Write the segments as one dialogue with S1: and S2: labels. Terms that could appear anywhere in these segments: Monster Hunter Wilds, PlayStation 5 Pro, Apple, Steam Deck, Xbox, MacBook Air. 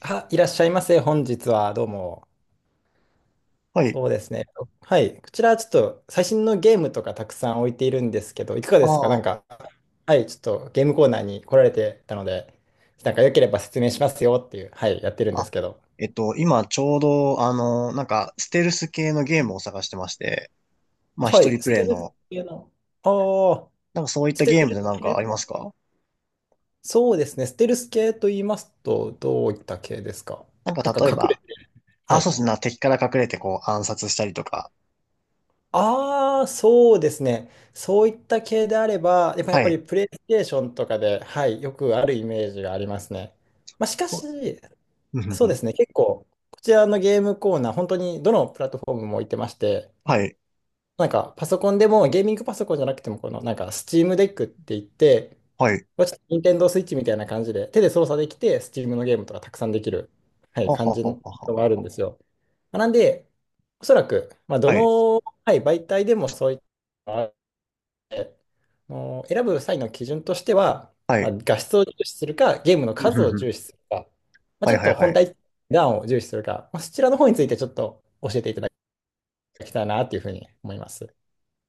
S1: あ、いらっしゃいませ。本日はどうも。
S2: はい。
S1: そうですね。はい。こちらちょっと最新のゲームとかたくさん置いているんですけど、いかが
S2: あ
S1: ですか？なん
S2: あ。
S1: か、はい、ちょっとゲームコーナーに来られてたので、なんか良ければ説明しますよっていう、はい、やってるんです
S2: あ、
S1: けど。
S2: 今ちょうど、あの、なんか、ステルス系のゲームを探してまして、まあ、
S1: は
S2: 一
S1: い、
S2: 人プ
S1: ス
S2: レ
S1: テ
S2: イ
S1: ルス
S2: の、
S1: 系の。ああ、
S2: なんかそういっ
S1: ス
S2: たゲー
S1: テ
S2: ム
S1: ル
S2: で
S1: ス
S2: なんか
S1: 系。
S2: ありますか？
S1: そうですね。ステルス系と言いますと、どういった系ですか？
S2: なん
S1: なん
S2: か
S1: か
S2: 例え
S1: 隠れ
S2: ば、
S1: て。は
S2: あ、そ
S1: い。
S2: うですね、敵から隠れてこう暗殺したりとか。
S1: ああ、そうですね。そういった系であれば、やっぱやっ
S2: は
S1: ぱり
S2: い。
S1: プレイステーションとかで、はい、よくあるイメージがありますね。まあ、しか
S2: そ
S1: し、
S2: う。うんうん
S1: そう
S2: うん。
S1: ですね、結構、こちらのゲームコーナー、本当にどのプラットフォームも置いてまして、
S2: はい。
S1: なんかパソコンでも、ゲーミングパソコンじゃなくても、このなんか Steam デックって言って、
S2: はい。
S1: まあちょっと Nintendo Switch みたいな感じで、手で操作できて、Steam のゲームとかたくさんできる、はい、
S2: は
S1: 感
S2: は
S1: じ
S2: ははは。
S1: のがあるんですよ。まあなんで、おそらく、まあ、ど
S2: はい。
S1: の、はい、媒体でもそういったのがあって、選ぶ際の基準としては、
S2: は
S1: まあ、
S2: い。
S1: 画質を重視するか、ゲームの
S2: うん
S1: 数
S2: う
S1: を
S2: んうん。
S1: 重視するか、まあ、
S2: は
S1: ち
S2: い
S1: ょっ
S2: は
S1: と
S2: いは
S1: 本
S2: い。
S1: 体、段を重視するか、まあ、そちらの方についてちょっと教えていただきたいなというふうに思います。っ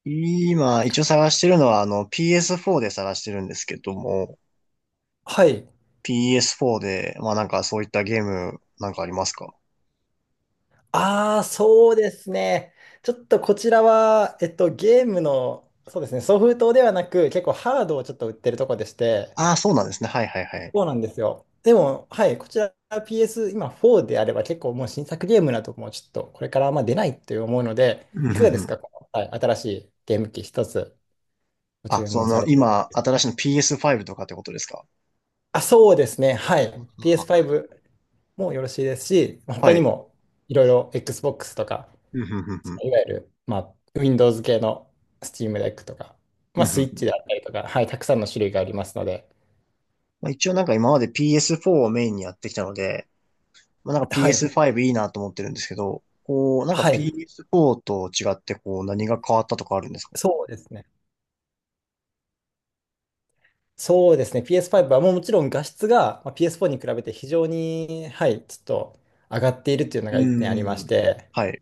S2: 今、
S1: て
S2: 一
S1: 感
S2: 応
S1: じ。
S2: 探してるのは、あの、PS4 で探してるんですけども、
S1: はい。
S2: PS4 で、まあなんかそういったゲームなんかありますか？
S1: ああ、そうですね。ちょっとこちらは、ゲームの、そうですね、ソフトではなく、結構ハードをちょっと売ってるとこでして、
S2: ああ、そうなんですね。はいはいはい。
S1: そうなんですよ。でも、はい、こちら PS、今4であれば結構もう新作ゲームなどもちょっとこれからあんま出ないと思うので、
S2: うんう
S1: いかが
S2: ん
S1: で
S2: う
S1: す
S2: ん。
S1: か、この、はい、新しいゲーム機一つご
S2: あ、
S1: 注
S2: そ
S1: 文さ
S2: の、
S1: れる？
S2: 今、新しいの PS5 とかってことですか？
S1: あ、そうですね。は
S2: う
S1: い。
S2: んはは。
S1: PS5 もよろしいですし、まあ他
S2: は
S1: に
S2: い。
S1: もいろいろ Xbox とか、
S2: うんうんうんうん。
S1: いわゆる、まあ、Windows 系の Steam Deck とか、ま
S2: う
S1: あ、
S2: んうんう
S1: Switch
S2: ん。
S1: であったりとか、はい、たくさんの種類がありますので、
S2: まあ、一応なんか今まで PS4 をメインにやってきたので、まあ、なんか
S1: はい。
S2: PS5 いいなと思ってるんですけど、こう、なんか
S1: はい。
S2: PS4 と違ってこう何が変わったとかあるんですか？
S1: そうですね。そうですね。PS5 はもうもちろん画質がまあ PS4 に比べて非常に、はい、ちょっと上がっているっていうの
S2: う
S1: が一点ありま
S2: ー
S1: し
S2: ん。
S1: て、
S2: はい。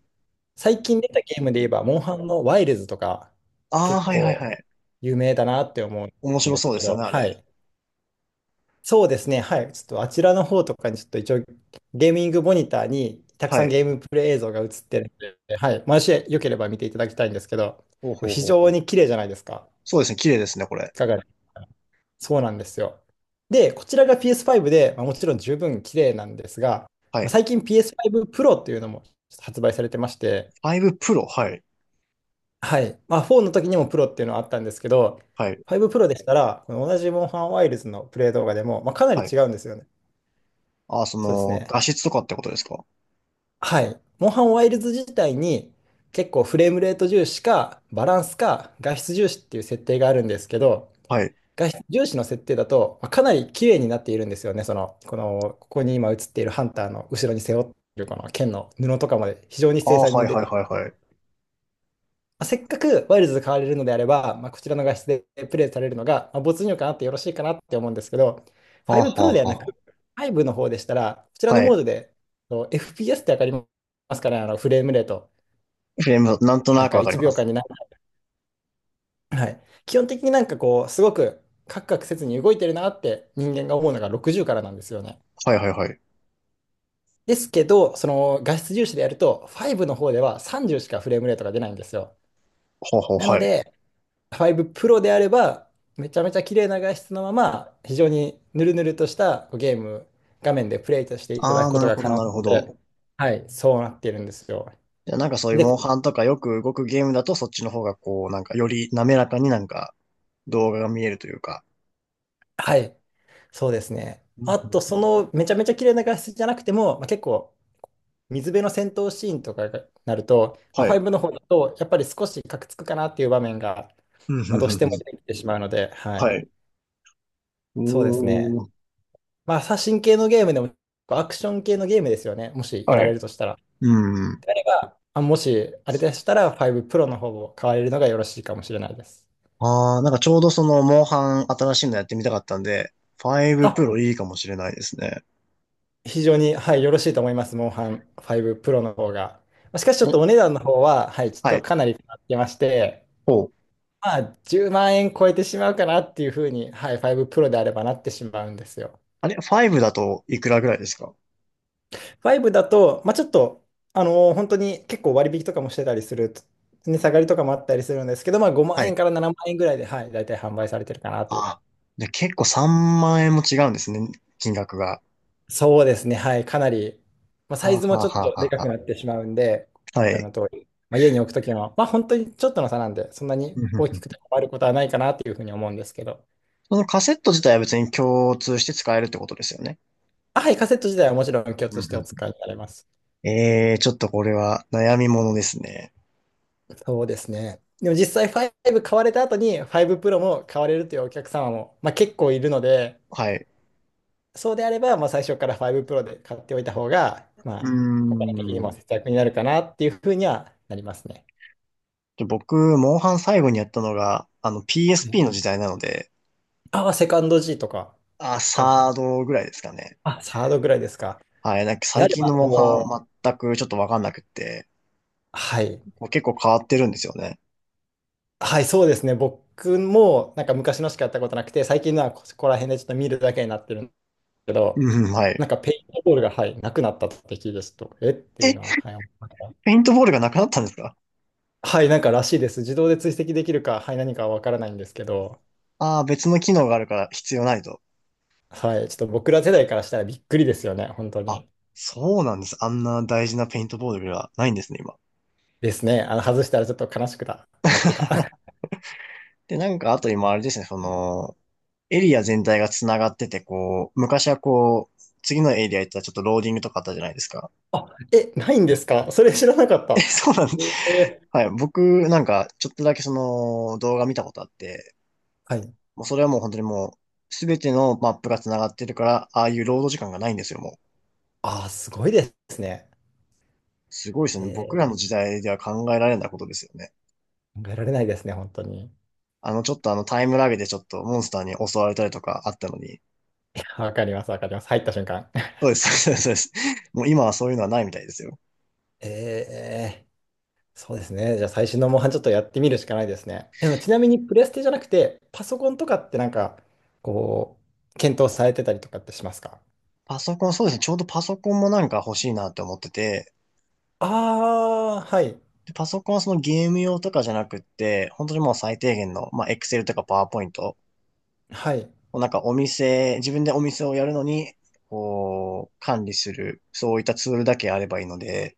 S1: 最近出たゲームで言えば、モンハンのワイルズとか、
S2: ああ、
S1: 結
S2: はいはいは
S1: 構
S2: い。
S1: 有名だなって思う
S2: 面
S1: ん
S2: 白
S1: です
S2: そうで
S1: け
S2: すよ
S1: ど、
S2: ね、あ
S1: は
S2: れ。
S1: い。そうですね。はい。ちょっとあちらの方とかにちょっと一応ゲーミングモニターにたく
S2: は
S1: さん
S2: い。
S1: ゲームプレイ映像が映ってるので、はい。もしよければ見ていただきたいんですけど、
S2: ほう
S1: これ
S2: ほう
S1: 非
S2: ほうほ
S1: 常
S2: う。
S1: に綺麗じゃないですか。
S2: そうですね、綺麗ですね、これ。
S1: いかがですか？そうなんですよ。で、こちらが PS5 で、まあ、もちろん十分綺麗なんですが、
S2: は
S1: まあ、
S2: い。
S1: 最近 PS5 Pro っていうのも発売されてまして、
S2: 5 Pro、はい。
S1: はい。まあ、4の時にも Pro っていうのはあったんですけど、
S2: はい。
S1: 5 Pro でしたら、この同じモンハンワイルズのプレイ動画でも、まあ、かなり
S2: はい。
S1: 違うんですよね。
S2: ああ、そ
S1: そうです
S2: の、
S1: ね。
S2: 画質とかってことですか？
S1: はい。モンハンワイルズ自体に結構フレームレート重視か、バランスか、画質重視っていう設定があるんですけど、
S2: はい。
S1: 画質重視の設定だと、まあかなり綺麗になっているんですよね。その、この、ここに今映っているハンターの後ろに背負っているこの剣の布とかまで非常に
S2: あ
S1: 精
S2: あ、
S1: 細
S2: は
S1: に
S2: い
S1: 出
S2: は
S1: て
S2: い
S1: いる。
S2: はいはい。
S1: まあ、せっかくワイルズで買われるのであれば、まあ、こちらの画質でプレイされるのが、まあ、没入感あってよろしいかなって思うんですけど、
S2: はあ、
S1: 5
S2: は
S1: Pro
S2: あ、
S1: ではなく、
S2: は
S1: 5の方でしたら、こち
S2: あ。
S1: らの
S2: は
S1: モー
S2: い。
S1: ドで、そう、 FPS ってわかりますかね？あのフレームレート。
S2: フレーム、なんと
S1: な
S2: な
S1: ん
S2: く
S1: か
S2: わかり
S1: 1
S2: ま
S1: 秒間
S2: す。
S1: にな、はい。基本的になんかこう、すごくカクカクせずに動いてるなって人間が思うのが60からなんですよね。
S2: はいはいはい。
S1: ですけど、その画質重視でやると、ファイブの方では30しかフレームレートが出ないんですよ。
S2: ほうほう、
S1: なの
S2: はい。
S1: で、ファイブプロであれば、めちゃめちゃ綺麗な画質のまま、非常にヌルヌルとしたこうゲーム、画面でプレイとしていただ
S2: あ
S1: く
S2: あ、
S1: こ
S2: な
S1: と
S2: る
S1: が
S2: ほ
S1: 可
S2: ど
S1: 能
S2: なるほど。
S1: で、はい、そうなっているんですよ。
S2: じゃあなんかそういう
S1: で、
S2: モン
S1: こ
S2: ハンとかよく動くゲームだとそっちの方がこう、なんかより滑らかになんか動画が見えるというか。
S1: はい、そうですね。
S2: うん
S1: あ
S2: う
S1: と、
S2: ん。
S1: そのめちゃめちゃ綺麗な画質じゃなくても、まあ、結構水辺の戦闘シーンとかになると、まあ、
S2: はい。
S1: 5の方だと、やっぱり少しカクつくかなっていう場面が、
S2: うんふ
S1: まあ、
S2: ん
S1: どう
S2: ふ
S1: し
S2: ん
S1: て
S2: ふ
S1: も
S2: ん。
S1: 出てきてしまうので、はい、
S2: はい。お
S1: そうですね。
S2: ー。
S1: まあ、写真系のゲームでも、アクション系のゲームですよね、もしやら
S2: は
S1: れ
S2: い。
S1: るとしたら。
S2: うん。
S1: もし、あれでしたら、5プロの方を買われるのがよろしいかもしれないです。
S2: ああ、なんかちょうどその、モンハン新しいのやってみたかったんで、5
S1: あ、
S2: プロいいかもしれないですね。
S1: 非常に、はい、よろしいと思います、モンハン5プロの方が。まあしかし、ちょっ
S2: え、
S1: とお値段の方は、はい、ちょっ
S2: は
S1: と
S2: い。
S1: かなり変わってまして、
S2: ほう。
S1: まあ、10万円超えてしまうかなっていうふうに、はい、ファイブプロであればなってしまうんですよ。
S2: あれ、5だといくらぐらいですか？
S1: ファイブだと、まあ、ちょっと、本当に結構割引とかもしてたりする値下がりとかもあったりするんですけど、まあ、5
S2: は
S1: 万円
S2: い。
S1: から7万円ぐらいで、はい、大体販売されてるかなという。
S2: あ、で、結構3万円も違うんですね、金額が。
S1: そうですね、はい、かなり、まあ、サ
S2: は
S1: イ
S2: あ、は
S1: ズも
S2: あ
S1: ちょっ
S2: は
S1: と
S2: あ
S1: で
S2: は
S1: か
S2: あ
S1: く
S2: は
S1: なってしまうんで、こ
S2: あ、は
S1: ちら
S2: い。
S1: の通り、まあ、家に置くときは、まあ、本当にちょっとの差なんで、そんな に
S2: うんうん
S1: 大
S2: う
S1: き
S2: ん。
S1: くて困ることはないかなというふうに思うんですけど、
S2: そのカセット自体は別に共通して使えるってことですよね。
S1: あ、はい、カセット自体はもちろん 共
S2: うん
S1: 通して
S2: う
S1: お
S2: ん
S1: 使いになれます。
S2: うん。えー、ちょっとこれは悩みものですね。
S1: そうですね。でも実際5買われた後に5プロも買われるというお客様も、まあ、結構いるので、
S2: はい。
S1: そうであれば、まあ、最初から5プロで買っておいた方が、
S2: う
S1: ま
S2: ー
S1: あ、お金的に
S2: ん。
S1: も節約になるかなっていうふうにはなりますね。
S2: で僕、モンハン最後にやったのが、あの
S1: はい。
S2: PSP の時代なので、
S1: ああ、セカンド G とか、
S2: あ、
S1: そこら辺。
S2: サードぐらいですかね。
S1: あ、サードぐらいですか。
S2: はい。なんか
S1: で
S2: 最
S1: あれ
S2: 近
S1: ば、
S2: のモンハ
S1: もう、
S2: ン全くちょっとわかんなくって、
S1: はい。
S2: こう結構変わってるんですよね。
S1: はい、そうですね。僕も、なんか昔のしかやったことなくて、最近のはここら辺でちょっと見るだけになってるけど、
S2: うん、は
S1: なん
S2: い。
S1: かペイントボールが、はい、なくなった時ですと、えっていう
S2: え、
S1: のは、はい、思った。
S2: ペイントボールがなくなったんですか？
S1: はい、なんからしいです。自動で追跡できるか、はい、何かは分からないんですけど、
S2: ああー、別の機能があるから必要ないと。
S1: はい、ちょっと僕ら世代からしたらびっくりですよね、本当
S2: あ、
S1: に。
S2: そうなんです。あんな大事なペイントボールがないんですね、今。
S1: ですね。あの、外したらちょっと悲しくななってた。
S2: で、なんか、あと今あれですね、その、エリア全体が繋がってて、こう、昔はこう、次のエリア行ったらちょっとローディングとかあったじゃないですか。
S1: あ、え、ないんですか？それ知らなかっ
S2: え、
S1: た。
S2: そうなんです。
S1: えー
S2: はい。僕、なんか、ちょっとだけその動画見たことあって、
S1: はい。
S2: もうそれはもう本当にもう、すべてのマップが繋がってるから、ああいうロード時間がないんですよ、もう。
S1: ああ、すごいですね。
S2: すごいですよね。僕
S1: え
S2: らの
S1: ー
S2: 時代では考えられないことですよね。
S1: 考えられないですね、本当に。
S2: あの、ちょっとあのタイムラグでちょっとモンスターに襲われたりとかあったのに。
S1: わかります、わかります。入った瞬間。
S2: そうです、そうです、そうです。もう今はそういうのはないみたいですよ。
S1: ええ、そうですね。じゃあ最新のモンハンちょっとやってみるしかないですね。でもちなみにプレステじゃなくて、パソコンとかってなんか、こう、検討されてたりとかってしますか？
S2: パソコン、そうですね。ちょうどパソコンもなんか欲しいなって思ってて、
S1: ああー、はい。
S2: でパソコンはそのゲーム用とかじゃなくって、本当にもう最低限の、まあ、Excel とか PowerPoint、
S1: はい。
S2: なんかお店、自分でお店をやるのに、こう、管理する、そういったツールだけあればいいので、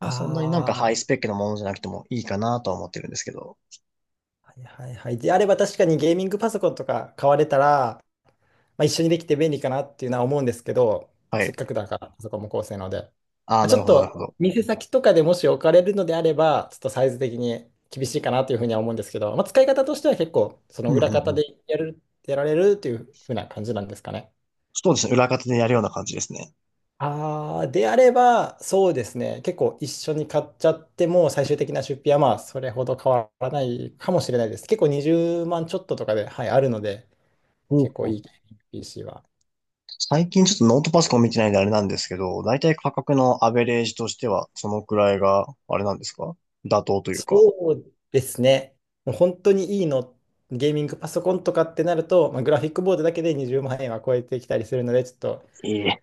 S2: まあそんなになんか
S1: あ
S2: ハイスペックなものじゃなくてもいいかなとは思ってるんですけど。
S1: あ、はいはいはい。であれば確かにゲーミングパソコンとか買われたら、まあ、一緒にできて便利かなっていうのは思うんですけど、
S2: は
S1: せっ
S2: い。
S1: かくだから、パソコンも高性能で。ま
S2: ああ、
S1: あ、ち
S2: な
S1: ょ
S2: る
S1: っ
S2: ほど、な
S1: と、
S2: るほど。
S1: 店先とかでもし置かれるのであれば、ちょっとサイズ的に厳しいかなというふうには思うんですけど、まあ、使い方としては結構、その
S2: うん、う
S1: 裏方
S2: ん、う
S1: で
S2: ん。
S1: やる、やられるというふうな感じなんですかね。
S2: そうですね。裏方でやるような感じですね。
S1: ああ、であれば、そうですね。結構一緒に買っちゃっても、最終的な出費はまあ、それほど変わらないかもしれないです。結構20万ちょっととかで、はい、あるので、
S2: ほ
S1: 結
S2: う
S1: 構
S2: ほ
S1: い
S2: う。
S1: い PC は。
S2: 最近ちょっとノートパソコン見てないんであれなんですけど、だいたい価格のアベレージとしては、そのくらいが、あれなんですか？妥当というか。
S1: そうですね。もう本当にいいの、ゲーミングパソコンとかってなると、まあ、グラフィックボードだけで20万円は超えてきたりするので、ちょっと
S2: ええ。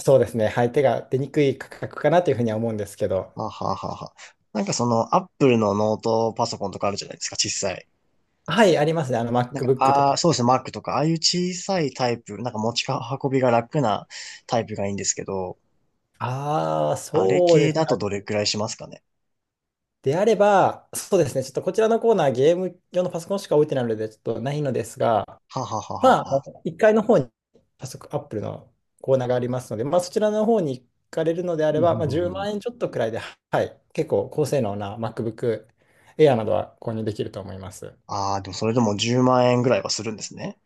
S1: そうですね、はい、手が出にくい価格かなというふうには思うんですけど、
S2: はあはあはあはあ。なんかその、アップルのノートパソコンとかあるじゃないですか、小さい。
S1: はい、ありますね、あの
S2: なんか、
S1: MacBook と
S2: ああ、
S1: か。
S2: そうですね、Mac とか、ああいう小さいタイプ、なんか持ち運びが楽なタイプがいいんですけど、
S1: ああ、
S2: あれ
S1: そうで
S2: 系
S1: す
S2: だと
S1: か。
S2: どれくらいしますかね？
S1: であれば、そうですね、ちょっとこちらのコーナー、ゲーム用のパソコンしか置いてないので、ちょっとないのですが、
S2: はあはあはあは
S1: まあ、
S2: あ
S1: あ
S2: はあ。
S1: の1階の方に早速 Apple のコーナーがありますので、まあ、そちらの方に行かれるのであ
S2: う
S1: れ
S2: んう
S1: ば、
S2: ん
S1: まあ、
S2: うんう
S1: 10
S2: ん。
S1: 万円ちょっとくらいで、はい、結構高性能な MacBook Air などは購入できると思います。
S2: ああ、でもそれでも10万円ぐらいはするんですね。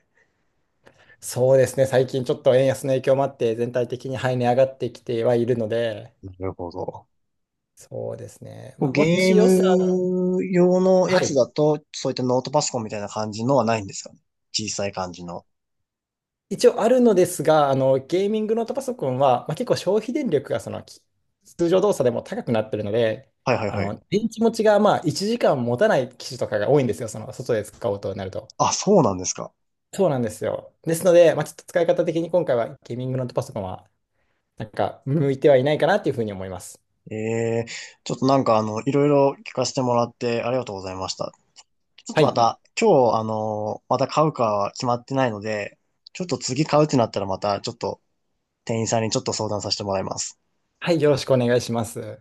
S1: そうですね、最近ちょっと円安の影響もあって、全体的に、はい、値上がってきてはいるので、
S2: なるほど。
S1: そうですね、まあ、も
S2: ゲ
S1: し
S2: ー
S1: 予算、
S2: ム用のや
S1: は
S2: つ
S1: い、
S2: だと、そういったノートパソコンみたいな感じのはないんですかね？小さい感じの。
S1: 一応あるのですが、ゲーミングノートパソコンは、まあ、結構消費電力がその通常動作でも高くなってるので、
S2: はいはいはい。
S1: 電池持ちがまあ1時間持たない機種とかが多いんですよ、その外で使おうとなると。
S2: あ、そうなんですか？
S1: そうなんですよ。ですので、まあ、ちょっと使い方的に今回はゲーミングノートパソコンは、なんか向いてはいないかなっていうふうに思います。
S2: ええ、ちょっとなんかあの、いろいろ聞かせてもらってありがとうございました。ちょっ
S1: は
S2: とま
S1: い。
S2: た、今日あの、また買うかは決まってないので、ちょっと次買うってなったらまた、ちょっと店員さんにちょっと相談させてもらいます。
S1: はい、よろしくお願いします。